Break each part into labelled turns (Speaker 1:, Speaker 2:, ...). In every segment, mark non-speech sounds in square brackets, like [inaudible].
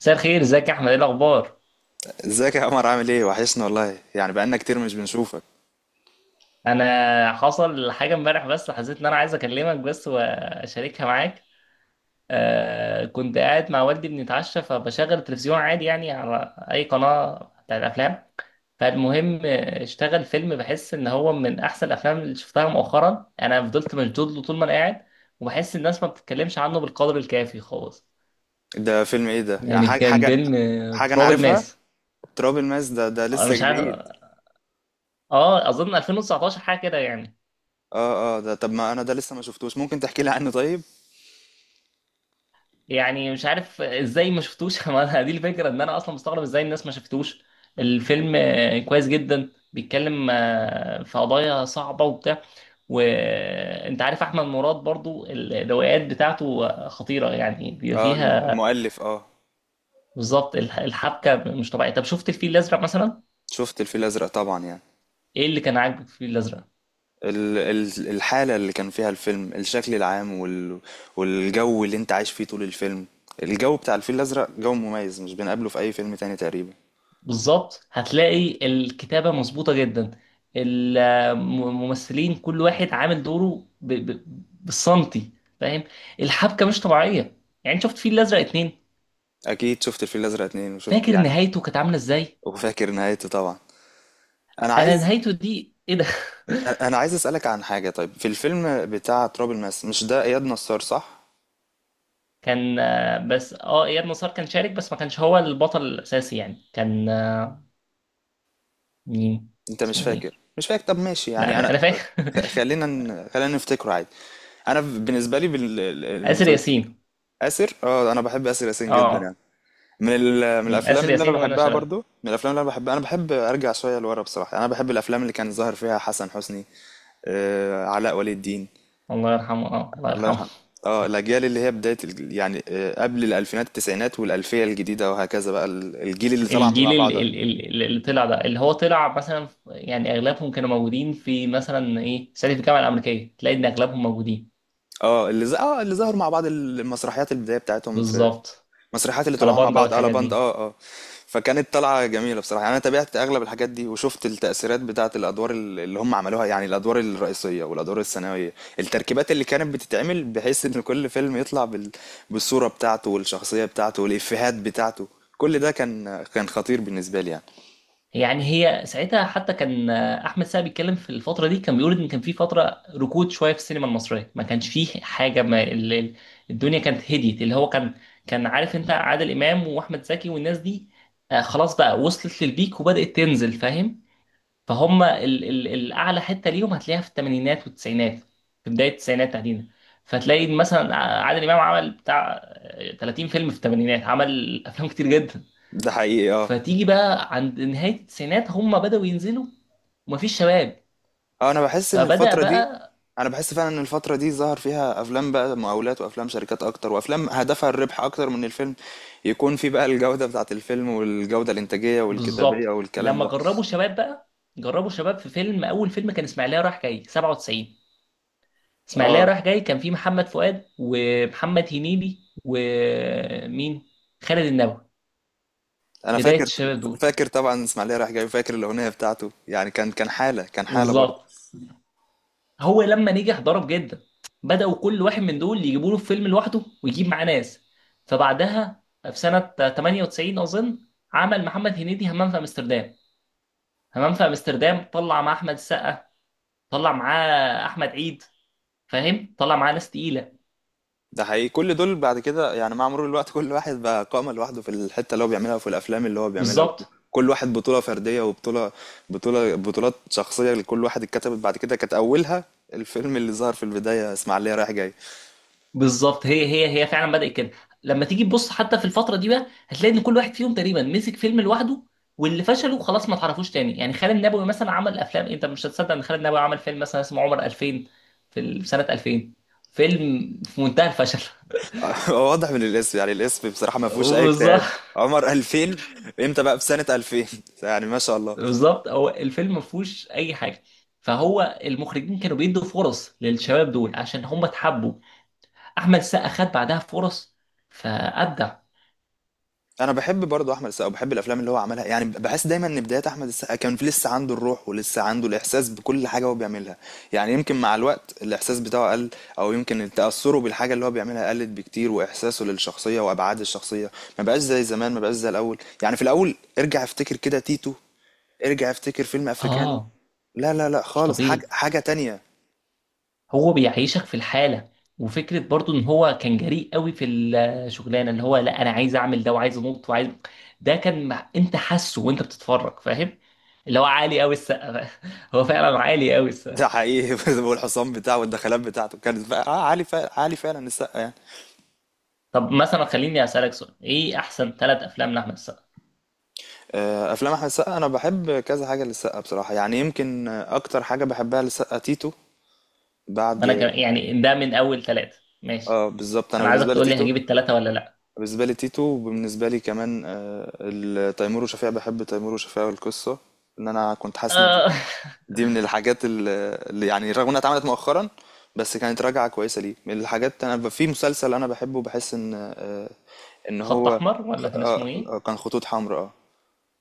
Speaker 1: مساء الخير، ازيك يا احمد؟ ايه الاخبار؟
Speaker 2: ازيك يا عمر، عامل ايه؟ وحشني والله، يعني بقالنا كتير مش بنشوفك.
Speaker 1: انا حصل حاجه امبارح بس حسيت ان انا عايز اكلمك بس واشاركها معاك. كنت قاعد مع والدي بنتعشى، فبشغل التلفزيون عادي يعني، على اي قناه بتاع الافلام. فالمهم، اشتغل فيلم بحس ان هو من احسن الافلام اللي شفتها مؤخرا، يعني انا فضلت مشدود له طول ما انا قاعد، وبحس الناس ما بتتكلمش عنه بالقدر الكافي خالص.
Speaker 2: ده فيلم ايه ده؟ يعني
Speaker 1: يعني
Speaker 2: حاجة
Speaker 1: كان
Speaker 2: حاجة
Speaker 1: فيلم،
Speaker 2: حاجة انا
Speaker 1: تراب
Speaker 2: عارفها.
Speaker 1: الماس.
Speaker 2: تراب الماس ده
Speaker 1: أنا
Speaker 2: لسه
Speaker 1: مش عارف،
Speaker 2: جديد.
Speaker 1: اه اظن 2019 حاجه كده يعني.
Speaker 2: اه اه، ده طب ما انا ده لسه ما شفتوش، ممكن تحكي لي عنه طيب؟
Speaker 1: يعني مش عارف ازاي ما شفتوش. [laughs] ما أنا دي الفكره، ان انا اصلا مستغرب ازاي الناس ما شفتوش. الفيلم كويس جدا، بيتكلم في قضايا صعبه وبتاع. وانت عارف احمد مراد برضو، الروايات بتاعته خطيره، يعني بيبقى
Speaker 2: اه،
Speaker 1: فيها
Speaker 2: المؤلف، اه.
Speaker 1: بالظبط. الحبكه مش طبيعيه. طب شفت الفيل الازرق مثلا؟
Speaker 2: شفت الفيل الازرق طبعا يعني.
Speaker 1: ايه اللي كان عاجبك في الفيل الازرق؟
Speaker 2: ال الحالة اللي كان فيها الفيلم، الشكل العام والجو اللي انت عايش فيه طول الفيلم. الجو بتاع الفيل الازرق جو مميز، مش بنقابله في اي فيلم تاني تقريبا.
Speaker 1: بالظبط، هتلاقي الكتابة مظبوطة جدا. الممثلين كل واحد عامل دوره بالسنتي. فاهم. الحبكة مش طبيعية. يعني شفت فيل الأزرق اتنين؟
Speaker 2: اكيد شفت الفيل الازرق 2، وشفت
Speaker 1: فاكر
Speaker 2: يعني.
Speaker 1: نهايته كانت عاملة ازاي؟
Speaker 2: وفاكر نهايته طبعا. انا
Speaker 1: انا
Speaker 2: عايز
Speaker 1: نهايته دي ايه ده!
Speaker 2: انا عايز اسالك عن حاجه. طيب في الفيلم بتاع تراب الماس، مش ده اياد نصار، صح؟
Speaker 1: [laughs] كان بس اياد نصار كان شارك بس ما كانش هو البطل الاساسي، يعني كان مين؟
Speaker 2: انت مش
Speaker 1: اسمه ايه؟
Speaker 2: فاكر؟ مش فاكر. طب ماشي،
Speaker 1: لا
Speaker 2: يعني
Speaker 1: انا
Speaker 2: انا،
Speaker 1: انا فاكر.
Speaker 2: خلينا خلينا نفتكره عادي. انا بالنسبه لي
Speaker 1: [laughs] آسر
Speaker 2: بالمسلسل.
Speaker 1: ياسين.
Speaker 2: اسر، اه، انا بحب اسر ياسين جدا يعني.
Speaker 1: اه.
Speaker 2: من الافلام
Speaker 1: آسر
Speaker 2: اللي انا
Speaker 1: ياسين وانا
Speaker 2: بحبها
Speaker 1: شرف.
Speaker 2: برضو. من الافلام اللي انا بحبها، انا بحب ارجع شويه لورا بصراحه، يعني انا بحب الافلام اللي كان ظاهر فيها حسن حسني، آه، علاء ولي الدين.
Speaker 1: الله يرحمه، اه، الله
Speaker 2: الله
Speaker 1: يرحمه.
Speaker 2: يرحمه. اه، الاجيال اللي هي بدايه يعني، قبل الالفينات، التسعينات والالفيه الجديده وهكذا، بقى الجيل اللي طلع مع
Speaker 1: الجيل
Speaker 2: بعض.
Speaker 1: اللي طلع ده، اللي هو طلع مثلا يعني اغلبهم كانوا موجودين في مثلا ايه، صعيدي في الجامعه الامريكيه، تلاقي ان اغلبهم موجودين.
Speaker 2: اه، اللي ظهروا مع بعض المسرحيات، البدايه بتاعتهم في
Speaker 1: بالظبط.
Speaker 2: المسرحيات اللي
Speaker 1: على
Speaker 2: طلعوها مع
Speaker 1: باندا
Speaker 2: بعض على
Speaker 1: والحاجات
Speaker 2: بند،
Speaker 1: دي.
Speaker 2: اه اه. فكانت طلعه جميله بصراحه يعني. انا تابعت اغلب الحاجات دي وشفت التاثيرات بتاعه الادوار اللي هم عملوها، يعني الادوار الرئيسيه والادوار الثانويه، التركيبات اللي كانت بتتعمل بحيث ان كل فيلم يطلع بالصوره بتاعته والشخصيه بتاعته والافيهات بتاعته. كل ده كان خطير بالنسبه لي يعني.
Speaker 1: يعني هي ساعتها حتى كان احمد سعد بيتكلم في الفتره دي، كان بيقول ان كان في فتره ركود شويه في السينما المصريه، ما كانش فيه حاجه، ما الدنيا كانت هديت. اللي هو كان كان عارف، انت عادل امام واحمد زكي والناس دي خلاص بقى، وصلت للبيك وبدات تنزل. فاهم؟ فهم ال الاعلى حته ليهم هتلاقيها في الثمانينات والتسعينات، في بدايه التسعينات تحديدا. فتلاقي مثلا عادل امام عمل بتاع 30 فيلم في الثمانينات، عمل افلام كتير جدا.
Speaker 2: ده حقيقي، اه.
Speaker 1: فتيجي بقى عند نهايه التسعينات، هم بداوا ينزلوا، ومفيش شباب،
Speaker 2: اه،
Speaker 1: فبدأ بقى.
Speaker 2: انا بحس فعلا ان الفترة دي ظهر فيها افلام بقى مقاولات، وافلام شركات اكتر، وافلام هدفها الربح اكتر من الفيلم يكون في بقى الجودة بتاعت الفيلم، والجودة الانتاجية والكتابية
Speaker 1: بالظبط.
Speaker 2: والكلام
Speaker 1: لما
Speaker 2: ده.
Speaker 1: جربوا شباب بقى، جربوا شباب في فيلم، اول فيلم كان اسماعيليه رايح جاي 97. اسماعيليه
Speaker 2: اه،
Speaker 1: رايح جاي كان فيه محمد فؤاد ومحمد هنيدي ومين؟ خالد النبوي.
Speaker 2: انا
Speaker 1: بدايه
Speaker 2: فاكر
Speaker 1: الشباب دول.
Speaker 2: فاكر طبعا. اسماعيليه رايح جاي، فاكر الاغنية بتاعته يعني. كان حالة، كان حالة برضه.
Speaker 1: بالظبط. هو لما نجح ضرب جدا، بداوا كل واحد من دول يجيبوا له فيلم لوحده ويجيب معاه ناس. فبعدها في سنه 98 اظن، عمل محمد هنيدي همام في امستردام. همام في امستردام طلع مع احمد السقا، طلع معاه احمد عيد، فاهم، طلع معاه ناس تقيله.
Speaker 2: ده حقيقي. كل دول بعد كده يعني، مع مرور الوقت كل واحد بقى قائمة لوحده في الحتة اللي هو بيعملها وفي الأفلام اللي هو بيعملها.
Speaker 1: بالظبط.
Speaker 2: كل واحد بطولة فردية، وبطولة بطولة بطولات شخصية لكل واحد اتكتبت بعد كده، كانت أولها الفيلم اللي ظهر في البداية، إسماعيلية رايح جاي.
Speaker 1: بالظبط، هي فعلا بدأت كده. لما تيجي تبص حتى في الفترة دي بقى، هتلاقي ان كل واحد فيهم تقريبا مسك فيلم لوحده، واللي فشلوا خلاص ما تعرفوش تاني. يعني خالد النبوي مثلا عمل افلام انت مش هتصدق، ان خالد النبوي عمل فيلم مثلا اسمه عمر 2000، في سنة 2000، فيلم في منتهى الفشل.
Speaker 2: [laughs] هو واضح من الاسم، يعني الاسم بصراحة ما فيهوش أي
Speaker 1: [laughs]
Speaker 2: اجتهاد.
Speaker 1: بالظبط.
Speaker 2: عمر 2000. امتى بقى في سنة 2000؟ [laughs] يعني ما شاء الله.
Speaker 1: بالظبط، هو الفيلم ما فيهوش اي حاجه. فهو المخرجين كانوا بيدوا فرص للشباب دول عشان هم اتحبوا. احمد السقا خد بعدها فرص، فابدع.
Speaker 2: أنا باحب برضه أحمد السقا وباحب الأفلام اللي هو عملها، يعني باحس دايمًا إن بدايات أحمد السقا كان في لسه عنده الروح ولسه عنده الإحساس بكل حاجة هو بيعملها، يعني يمكن مع الوقت الإحساس بتاعه قل، أو يمكن تأثره بالحاجة اللي هو بيعملها قلت بكتير، وإحساسه للشخصية وأبعاد الشخصية ما بقاش زي زمان، ما بقاش زي الأول. يعني في الأول ارجع افتكر كده تيتو، ارجع افتكر فيلم أفريكانو،
Speaker 1: اه،
Speaker 2: لا لا لأ
Speaker 1: مش
Speaker 2: خالص، حاجة
Speaker 1: طبيعي.
Speaker 2: تانية.
Speaker 1: هو بيعيشك في الحالة. وفكرة برضو ان هو كان جريء قوي في الشغلانة، اللي هو لا انا عايز اعمل ده، وعايز انط، وعايز، ده كان مع، انت حاسه وانت بتتفرج، فاهم؟ اللي هو عالي قوي السقا! [laughs] هو فعلا عالي قوي السقا.
Speaker 2: ده حقيقي. [laughs] والحصان بتاعه والدخلات بتاعته كانت بقى آه، عالي فعلًا، عالي فعلًا السقا يعني.
Speaker 1: طب مثلا خليني اسالك سؤال، ايه احسن ثلاث افلام لاحمد السقا؟
Speaker 2: افلام احمد السقا، انا بحب كذا حاجه للسقا بصراحه، يعني يمكن اكتر حاجه بحبها للسقا تيتو. بعد،
Speaker 1: يعني ده من اول ثلاثة، ماشي.
Speaker 2: اه بالظبط، انا
Speaker 1: انا عايزك تقول لي، هجيب الثلاثة ولا لا؟
Speaker 2: بالنسبه لي تيتو وبالنسبه لي كمان، تيمور وشفيقة. بحب تيمور وشفيقة، والقصه ان انا كنت حاسس ان دي
Speaker 1: آه.
Speaker 2: دي من الحاجات اللي يعني رغم انها اتعملت مؤخرا، بس كانت راجعه كويسه ليه. من الحاجات انا في مسلسل انا بحبه، بحس ان، آه، ان
Speaker 1: [laughs] خط
Speaker 2: هو
Speaker 1: احمر، ولا كان
Speaker 2: آه،
Speaker 1: اسمه ايه؟
Speaker 2: آه، كان خطوط حمراء، اه.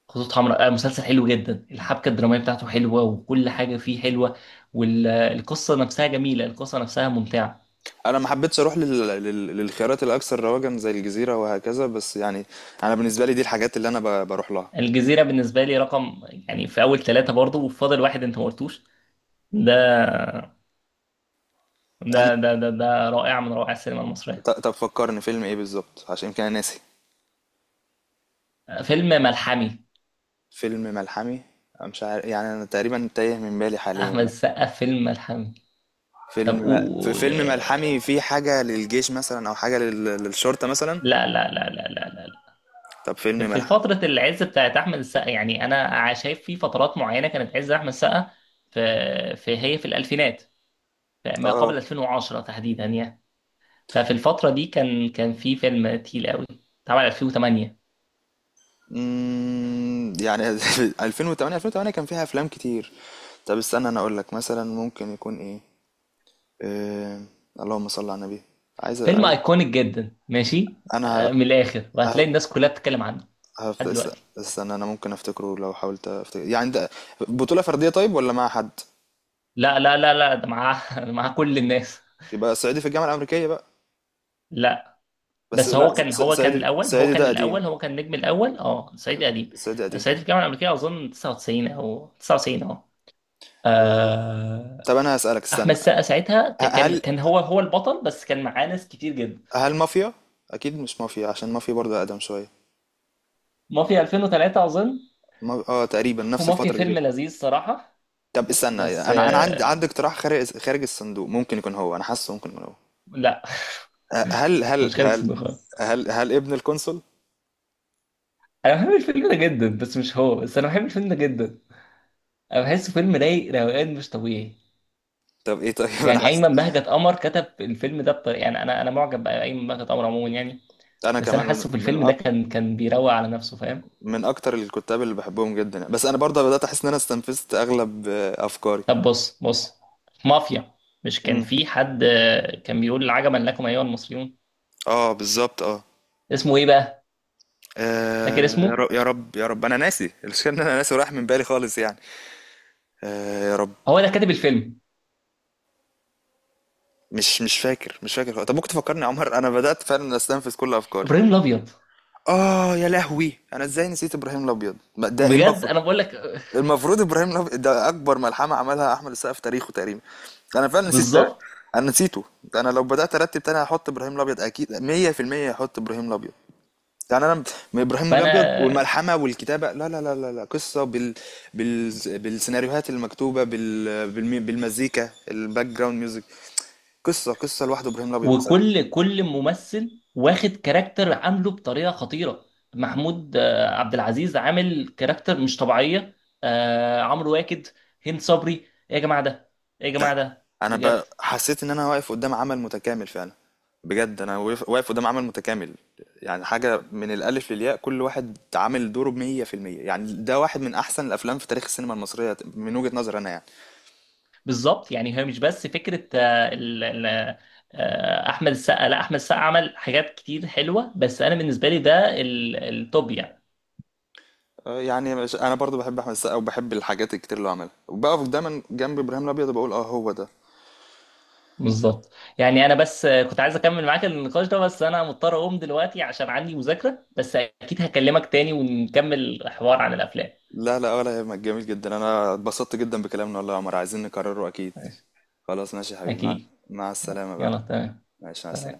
Speaker 1: خطوط حمراء، آه، مسلسل حلو جدا. الحبكه الدراميه بتاعته حلوه وكل حاجه فيه حلوه، والقصه نفسها جميله، القصه نفسها ممتعه.
Speaker 2: انا ما حبيتش اروح للخيارات الاكثر رواجا زي الجزيره وهكذا، بس يعني انا بالنسبه لي دي الحاجات اللي انا بروح لها.
Speaker 1: الجزيره بالنسبه لي رقم، يعني في اول ثلاثه برضه. وفاضل واحد، انت ما قلتوش ده.
Speaker 2: أنا...
Speaker 1: ده رائع من روائع السينما المصريه.
Speaker 2: طب فكرني فيلم ايه بالظبط، عشان يمكن انا ناسي.
Speaker 1: فيلم ملحمي.
Speaker 2: فيلم ملحمي. أنا مش عارف يعني، انا تقريبا تايه من بالي حاليا
Speaker 1: احمد
Speaker 2: يعني.
Speaker 1: السقا فيلم ملحمي. طب
Speaker 2: في
Speaker 1: و،
Speaker 2: فيلم ملحمي فيه حاجه للجيش مثلا، او حاجه للشرطه مثلا.
Speaker 1: لا لا لا لا لا لا لا.
Speaker 2: طب فيلم
Speaker 1: في في
Speaker 2: ملحمي،
Speaker 1: فتره العز بتاعت احمد السقا. يعني انا شايف في فترات معينه كانت عز احمد السقا، في، في هي في الالفينات، ما قبل
Speaker 2: اه.
Speaker 1: 2010 تحديدا يعني. ففي الفترة دي كان في فيلم تقيل قوي، اتعمل 2008.
Speaker 2: يعني. [laughs] 2008، 2008 كان فيها افلام كتير. طب استنى انا اقول لك، مثلا ممكن يكون ايه؟ إيه... اللهم صل على النبي. عايز
Speaker 1: فيلم
Speaker 2: عايز
Speaker 1: ايكونيك جدا، ماشي،
Speaker 2: انا
Speaker 1: من الاخر،
Speaker 2: ه-
Speaker 1: وهتلاقي الناس كلها بتتكلم عنه لحد دلوقتي.
Speaker 2: استنى. انا ممكن افتكره لو حاولت افتكر يعني ده. بطولة فردية طيب، ولا مع حد؟
Speaker 1: لا لا لا لا، ده معاه، [laughs] معاه كل الناس.
Speaker 2: يبقى صعيدي في الجامعة الأمريكية بقى.
Speaker 1: لا
Speaker 2: بس
Speaker 1: بس هو
Speaker 2: لا،
Speaker 1: كان، هو كان
Speaker 2: صعيدي،
Speaker 1: الاول، هو
Speaker 2: صعيدي
Speaker 1: كان
Speaker 2: ده قديم.
Speaker 1: الاول، هو كان النجم الاول. اه، صعيدي قديم.
Speaker 2: صعيدي قديم.
Speaker 1: صعيدي في الجامعة الأمريكية أظن 99 أو 99، اه.
Speaker 2: إيه...
Speaker 1: آه،
Speaker 2: طب انا هسألك،
Speaker 1: أحمد
Speaker 2: استنى.
Speaker 1: السقا ساعتها كان،
Speaker 2: هل
Speaker 1: هو هو البطل، بس كان معاه ناس كتير جدا.
Speaker 2: هل مافيا؟ اكيد مش مافيا، عشان مافيا برضه اقدم شوية.
Speaker 1: مافيا 2003 أظن،
Speaker 2: تقريبا نفس
Speaker 1: ومافيا
Speaker 2: الفترة دي كده.
Speaker 1: فيلم لذيذ صراحة،
Speaker 2: طب استنى،
Speaker 1: بس
Speaker 2: انا عندي اقتراح خارج الصندوق، ممكن يكون هو. انا حاسه ممكن يكون هو،
Speaker 1: لا.
Speaker 2: أه، هل
Speaker 1: [laughs] هو
Speaker 2: هل
Speaker 1: مش خالد
Speaker 2: هل
Speaker 1: صديق خالص.
Speaker 2: هل هل ابن القنصل؟
Speaker 1: انا بحب الفيلم ده جدا بس مش هو، بس انا بحب الفيلم ده جدا. انا بحسه فيلم رايق روقان مش طبيعي.
Speaker 2: طب ايه طيب. [laughs] انا
Speaker 1: يعني
Speaker 2: حاسس،
Speaker 1: ايمن بهجت قمر كتب الفيلم ده بطريقة، يعني انا معجب بايمن بهجت قمر عموما يعني،
Speaker 2: انا
Speaker 1: بس انا
Speaker 2: كمان
Speaker 1: حاسه في الفيلم ده كان بيروق على نفسه، فاهم.
Speaker 2: من اكتر الكتاب اللي بحبهم جدا يعني. بس انا برضه بدأت احس ان انا استنفذت اغلب افكاري.
Speaker 1: طب بص بص، مافيا، مش كان في
Speaker 2: امم
Speaker 1: حد كان بيقول عجبا لكم ايها المصريون؟
Speaker 2: اه بالظبط، اه.
Speaker 1: اسمه ايه بقى؟
Speaker 2: آه،
Speaker 1: فاكر
Speaker 2: يا
Speaker 1: اسمه؟
Speaker 2: رب يا رب يا رب، انا ناسي. المشكله ان انا ناسي وراح من بالي خالص يعني. يا رب.
Speaker 1: هو ده كاتب الفيلم.
Speaker 2: مش فاكر مش فاكر خالص. طب ممكن تفكرني يا عمر، انا بدأت فعلا استنفذ كل افكاري.
Speaker 1: ابراهيم الابيض.
Speaker 2: اه يا لهوي، انا ازاي نسيت ابراهيم الابيض، ما ده ايه
Speaker 1: بجد،
Speaker 2: المفروض.
Speaker 1: انا بقول لك
Speaker 2: المفروض ابراهيم، ده اكبر ملحمه عملها احمد السقا في تاريخه تقريبا. انا فعلا نسيت،
Speaker 1: بالظبط.
Speaker 2: انا نسيته. انا لو بدات ارتب تاني هحط ابراهيم الابيض، اكيد 100% هحط ابراهيم الابيض. يعني انا، من ابراهيم
Speaker 1: فانا،
Speaker 2: الابيض والملحمه والكتابه، لا لا لا لا، لا. قصه، بال... بالسيناريوهات المكتوبه، بالمزيكا، الباك جراوند ميوزك. قصه لوحده ابراهيم الابيض بصراحه.
Speaker 1: وكل ممثل واخد كاركتر عامله بطريقه خطيره. محمود عبد العزيز عامل كاركتر مش طبيعيه، عمرو واكد، هند صبري، ايه يا جماعه ده! ايه يا
Speaker 2: ده
Speaker 1: جماعه ده
Speaker 2: انا
Speaker 1: بجد!
Speaker 2: حسيت ان انا واقف قدام عمل متكامل فعلا. بجد انا واقف، واقف قدام عمل متكامل. يعني حاجة من الألف للياء، كل واحد عامل دوره ب100%. يعني ده واحد من أحسن الأفلام في تاريخ السينما المصرية من وجهة نظري أنا يعني.
Speaker 1: بالظبط. يعني هي مش بس فكره احمد السقا، لا احمد السقا عمل حاجات كتير حلوه، بس انا بالنسبه لي ده التوب يعني.
Speaker 2: يعني أنا برضو بحب أحمد السقا، وبحب الحاجات الكتير اللي هو عملها، وبقف دايما جنب إبراهيم الأبيض، وبقول، أه، هو ده.
Speaker 1: بالظبط. يعني انا بس كنت عايز اكمل معاك النقاش ده، بس انا مضطر اقوم دلوقتي عشان عندي مذاكرة، بس اكيد هكلمك تاني ونكمل الحوار عن الافلام.
Speaker 2: لا لا، ولا يهمك، جميل جدا. أنا اتبسطت جدا بكلامنا والله يا عمر، عايزين نكرره أكيد.
Speaker 1: ماشي.
Speaker 2: خلاص ماشي يا حبيبي،
Speaker 1: اكيد.
Speaker 2: مع السلامة بقى.
Speaker 1: يلا.
Speaker 2: ماشي، مع
Speaker 1: تمام.
Speaker 2: السلامة.